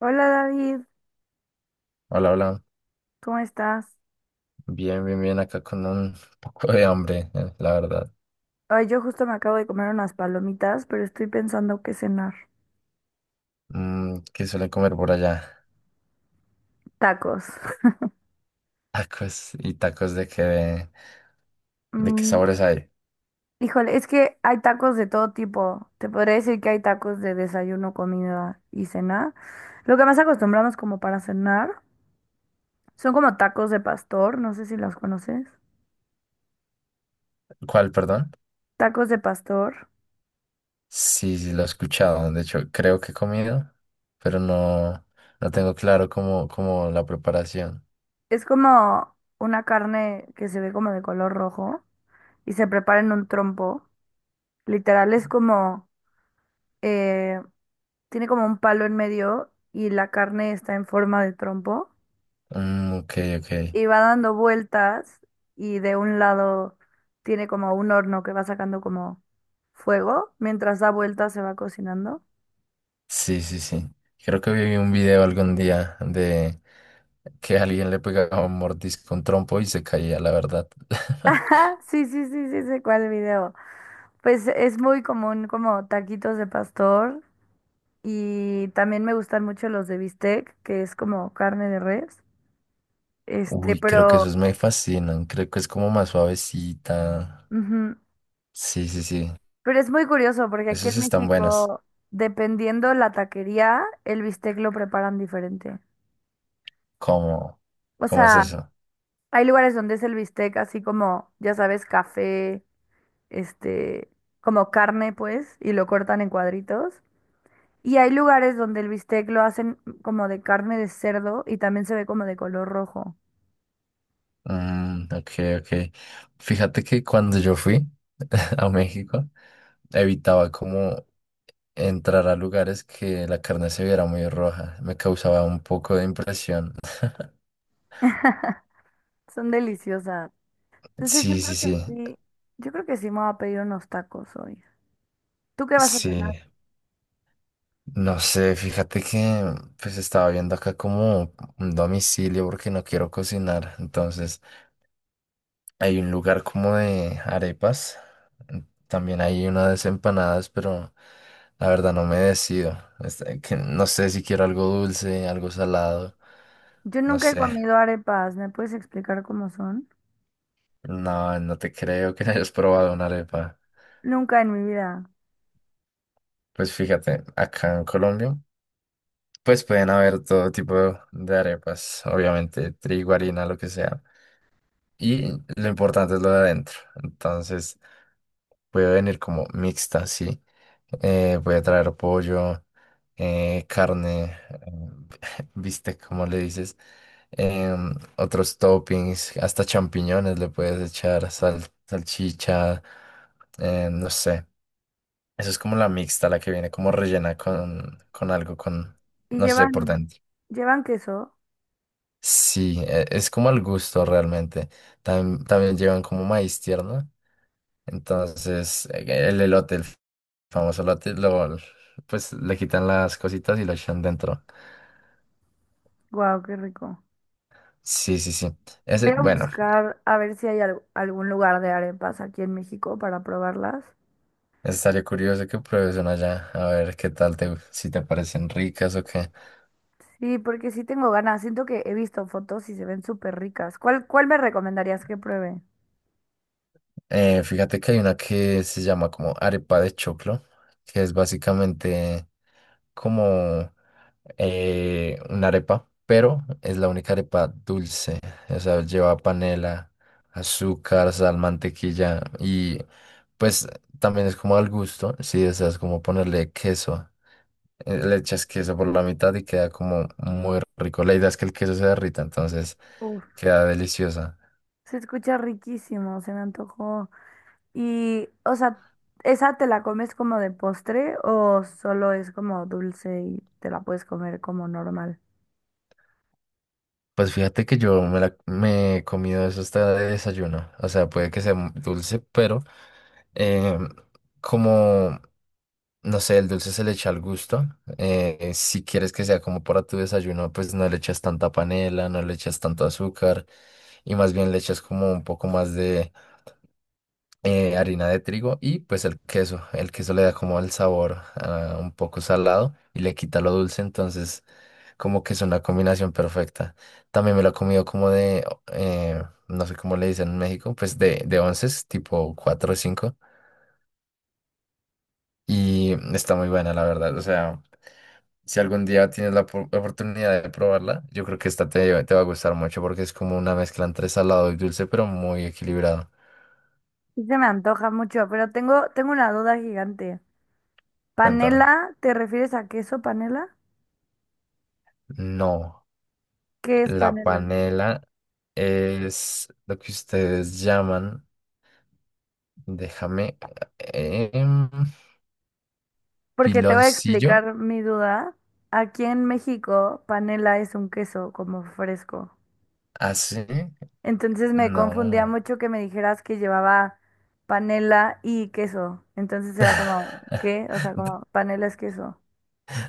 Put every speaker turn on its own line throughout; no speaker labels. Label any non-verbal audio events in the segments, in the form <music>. Hola David,
Hola, hola.
¿cómo estás?
Bien, bien, bien. Acá con un poco de hambre, la verdad.
Ay, yo justo me acabo de comer unas palomitas, pero estoy pensando qué cenar.
Mm, ¿qué suelen comer por allá?
Tacos. <laughs>
<laughs> Tacos y tacos de qué, de qué
Mm,
sabores hay.
híjole, es que hay tacos de todo tipo. Te podría decir que hay tacos de desayuno, comida y cena. Lo que más acostumbramos como para cenar son como tacos de pastor, no sé si los conoces.
¿Cuál, perdón?
Tacos de pastor.
Sí, sí, lo he escuchado. De hecho, creo que he comido, pero no, no tengo claro cómo, cómo la preparación.
Es como una carne que se ve como de color rojo y se prepara en un trompo. Literal es como eh, tiene como un palo en medio y la carne está en forma de trompo
Mm, ok, ok.
y va dando vueltas y de un lado tiene como un horno que va sacando como fuego. Mientras da vueltas se va cocinando. <laughs>
Sí, sí, sí. Creo que vi un video algún día de que alguien le pegaba un mordisco, un trompo y se caía, la verdad. <laughs>
Ajá, sí, sí, sí, sí, sé cuál video. Pues es muy común como taquitos de pastor y también me gustan mucho los de bistec, que es como carne de res. Este,
Uy, creo que
pero
esos me fascinan. Creo que es como más suavecita.
ujú.
Sí, sí, sí.
Pero es muy curioso porque aquí
Esos
en
están buenos.
México, dependiendo la taquería, el bistec lo preparan diferente.
¿Cómo?
O
¿Cómo es
sea,
eso?
hay lugares donde es el bistec así como, ya sabes, café, este, como carne, pues, y lo cortan en cuadritos. Y hay lugares donde el bistec lo hacen como de carne de cerdo y también se ve como de color rojo.
Mm, ok, ok. Fíjate que cuando yo fui <laughs> a México, evitaba como entrar a lugares que la carne se viera muy roja. Me causaba un poco de impresión. <laughs>
<laughs> Son deliciosas. Entonces yo
Sí, sí,
creo que
sí.
sí, yo creo que sí me voy a pedir unos tacos hoy. ¿Tú qué vas a hacer?
Sí. No sé, fíjate que pues estaba viendo acá como un domicilio porque no quiero cocinar. Entonces... Hay un lugar como de arepas. También hay unas empanadas, pero la verdad no me decido. Este, que no sé si quiero algo dulce, algo salado.
Yo
No
nunca he
sé.
comido arepas, ¿me puedes explicar cómo son?
No, no te creo que <laughs> hayas probado una arepa.
Nunca en mi vida.
Pues fíjate, acá en Colombia, pues pueden haber todo tipo de arepas, obviamente, trigo, harina, lo que sea. Y lo importante es lo de adentro. Entonces, puede venir como mixta, sí. Puede traer pollo. Carne, <laughs> bistec, como le dices, otros toppings, hasta champiñones le puedes echar, salchicha, no sé. Eso es como la mixta, la que viene como rellena con algo, con,
Y
no sé, por
llevan,
dentro.
llevan queso.
Sí, es como al gusto realmente. También llevan como maíz tierno. Entonces, el elote, el famoso elote, lo, pues le quitan las cositas y lo echan dentro.
Guau, qué rico.
Sí, sí, sí.
Voy
Ese,
a
bueno,
buscar a ver si hay al- algún lugar de arepas aquí en México para probarlas.
estaría curioso que pruebes una allá, a ver qué tal te, si te parecen ricas o qué.
Sí, porque sí tengo ganas. Siento que he visto fotos y se ven súper ricas. ¿Cuál, cuál me recomendarías que pruebe?
Fíjate que hay una que se llama como arepa de choclo, que es básicamente como una arepa, pero es la única arepa dulce. O sea, lleva panela, azúcar, sal, mantequilla y pues también es como al gusto, si deseas como ponerle queso. Le echas queso por la mitad y queda como muy rico. La idea es que el queso se derrita, entonces
Uf,
queda deliciosa.
se escucha riquísimo, se me antojó. Y, o sea, ¿esa te la comes como de postre o solo es como dulce y te la puedes comer como normal?
Pues fíjate que yo me, la, me he comido eso hasta de desayuno. O sea, puede que sea dulce, pero eh, como, no sé, el dulce se le echa al gusto. Si quieres que sea como para tu desayuno, pues no le echas tanta panela, no le echas tanto azúcar y más bien le echas como un poco más harina de trigo y pues el queso. El queso le da como el sabor un poco salado y le quita lo dulce, entonces como que es una combinación perfecta. También me lo he comido como de, eh, no sé cómo le dicen en México, pues de onces, tipo 4 o 5 y está muy buena la verdad, o sea... Si algún día tienes la oportunidad de probarla, yo creo que esta te, te va a gustar mucho porque es como una mezcla entre salado y dulce, pero muy equilibrado.
Sí se me antoja mucho, pero tengo, tengo una duda gigante.
Cuéntame.
¿Panela? ¿Te refieres a queso panela?
No.
¿Qué es
La
panela?
panela es lo que ustedes llaman, déjame, eh, em,
Porque te voy a
piloncillo,
explicar mi duda. Aquí en México, panela es un queso como fresco.
así,
Entonces me confundía
no,
mucho que me dijeras que llevaba panela y queso. Entonces era como, ¿qué? O sea, como
<laughs>
panela es queso.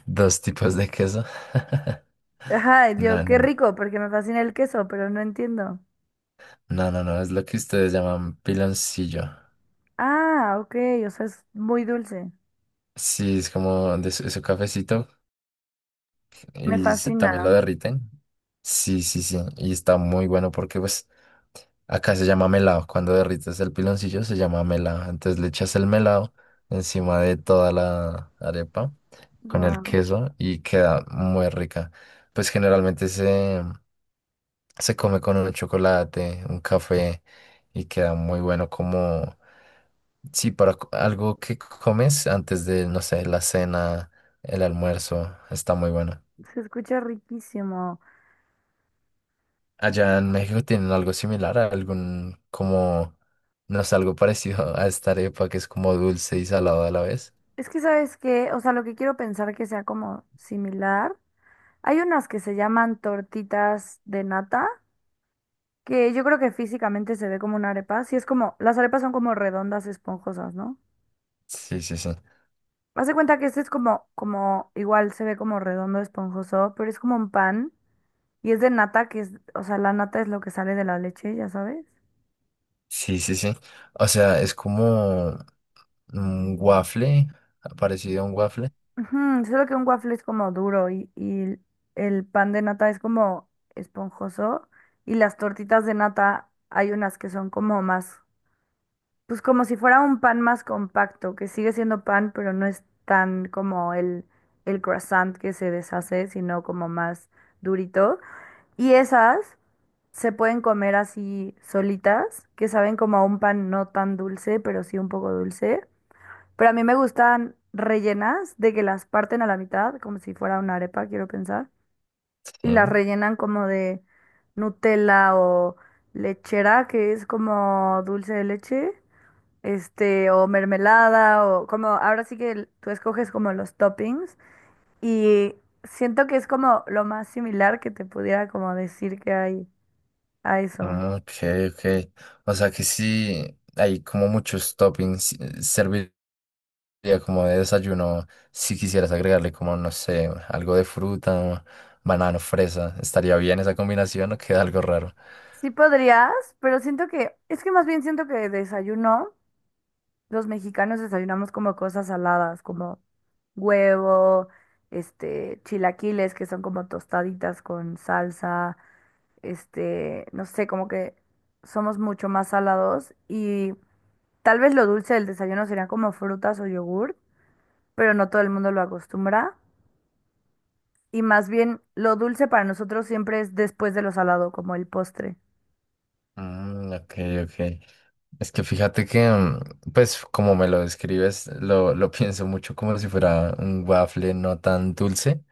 dos tipos de queso. <laughs>
Ajá, y
No,
yo, qué
no,
rico, porque me fascina el queso, pero no entiendo.
no, no, no, no, es lo que ustedes llaman piloncillo.
Ah, ok, o sea, es muy dulce.
Sí, es como de su, su cafecito
Me
y
fascina.
también lo derriten. Sí, sí, sí, y está muy bueno porque pues acá se llama melado. Cuando derrites el piloncillo se llama melado. Entonces le echas el melado encima de toda la arepa con el
Wow.
queso y queda muy rica. Pues generalmente se, se come con un chocolate, un café y queda muy bueno como, sí, para algo que comes antes de, no sé, la cena, el almuerzo. Está muy bueno.
Se escucha riquísimo.
Allá en México tienen algo similar, algún como, no sé, algo parecido a esta arepa que es como dulce y salado a la vez.
Es que sabes que, o sea, lo que quiero pensar que sea como similar. Hay unas que se llaman tortitas de nata, que yo creo que físicamente se ve como una arepa. Sí, es como, las arepas son como redondas, esponjosas, ¿no?
Sí, sí, sí.
Haz de cuenta que este es como, como, igual se ve como redondo, esponjoso, pero es como un pan y es de nata, que es, o sea, la nata es lo que sale de la leche, ya sabes.
Sí, sí, sí. O sea, es como un waffle, parecido a un waffle.
Ujú, solo que un waffle es como duro y el pan de nata es como esponjoso y las tortitas de nata hay unas que son como más, pues como si fuera un pan más compacto, que sigue siendo pan, pero no es tan como el croissant que se deshace, sino como más durito. Y esas se pueden comer así solitas, que saben como a un pan no tan dulce, pero sí un poco dulce. Pero a mí me gustan rellenas de que las parten a la mitad, como si fuera una arepa, quiero pensar.
Sí.
Y las rellenan como de Nutella o lechera, que es como dulce de leche, este, o mermelada, o como, ahora sí que el- tú escoges como los toppings. Y siento que es como lo más similar que te pudiera como decir que hay a eso.
Ah, ok, ok. O sea que sí, hay como muchos toppings. Serviría como de desayuno si quisieras agregarle como, no sé, algo de fruta, banano, fresa. ¿Estaría bien esa combinación o queda algo raro?
Sí podrías, pero siento que, es que más bien siento que desayuno. Los mexicanos desayunamos como cosas saladas, como huevo, este, chilaquiles, que son como tostaditas con salsa, este, no sé, como que somos mucho más salados y tal vez lo dulce del desayuno serían como frutas o yogur, pero no todo el mundo lo acostumbra. Y más bien, lo dulce para nosotros siempre es después de lo salado, como el postre.
Mm, ok, ok. Es que fíjate que, mm, pues, como me lo describes, lo <laughs> pienso mucho como si fuera un waffle no tan dulce.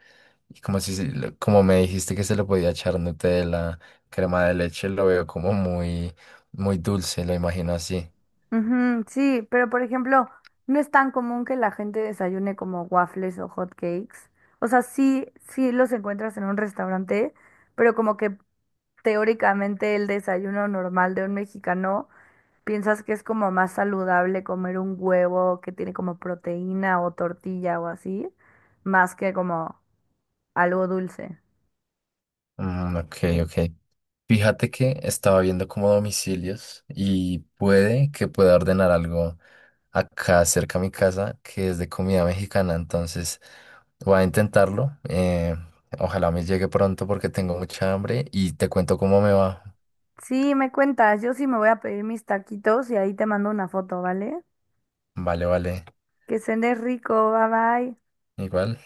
Y como si, como me dijiste que se le podía echar Nutella, crema de leche, lo veo como muy, muy dulce, lo imagino así.
Ujú, sí, pero por ejemplo, no es tan común que la gente desayune como waffles o hot cakes. O sea, sí, sí los encuentras en un restaurante, pero como que teóricamente el desayuno normal de un mexicano, piensas que es como más saludable comer un huevo que tiene como proteína o tortilla o así, más que como algo dulce.
Mm, ok, ok. Fíjate que estaba viendo como domicilios y puede que pueda ordenar algo acá cerca a mi casa que es de comida mexicana, entonces voy a intentarlo. Ojalá me llegue pronto porque tengo mucha hambre y te cuento cómo me va.
Sí, me cuentas, yo sí me voy a pedir mis taquitos y ahí te mando una foto, ¿vale?
Vale, vale,
Que cenes rico, bye bye.
igual.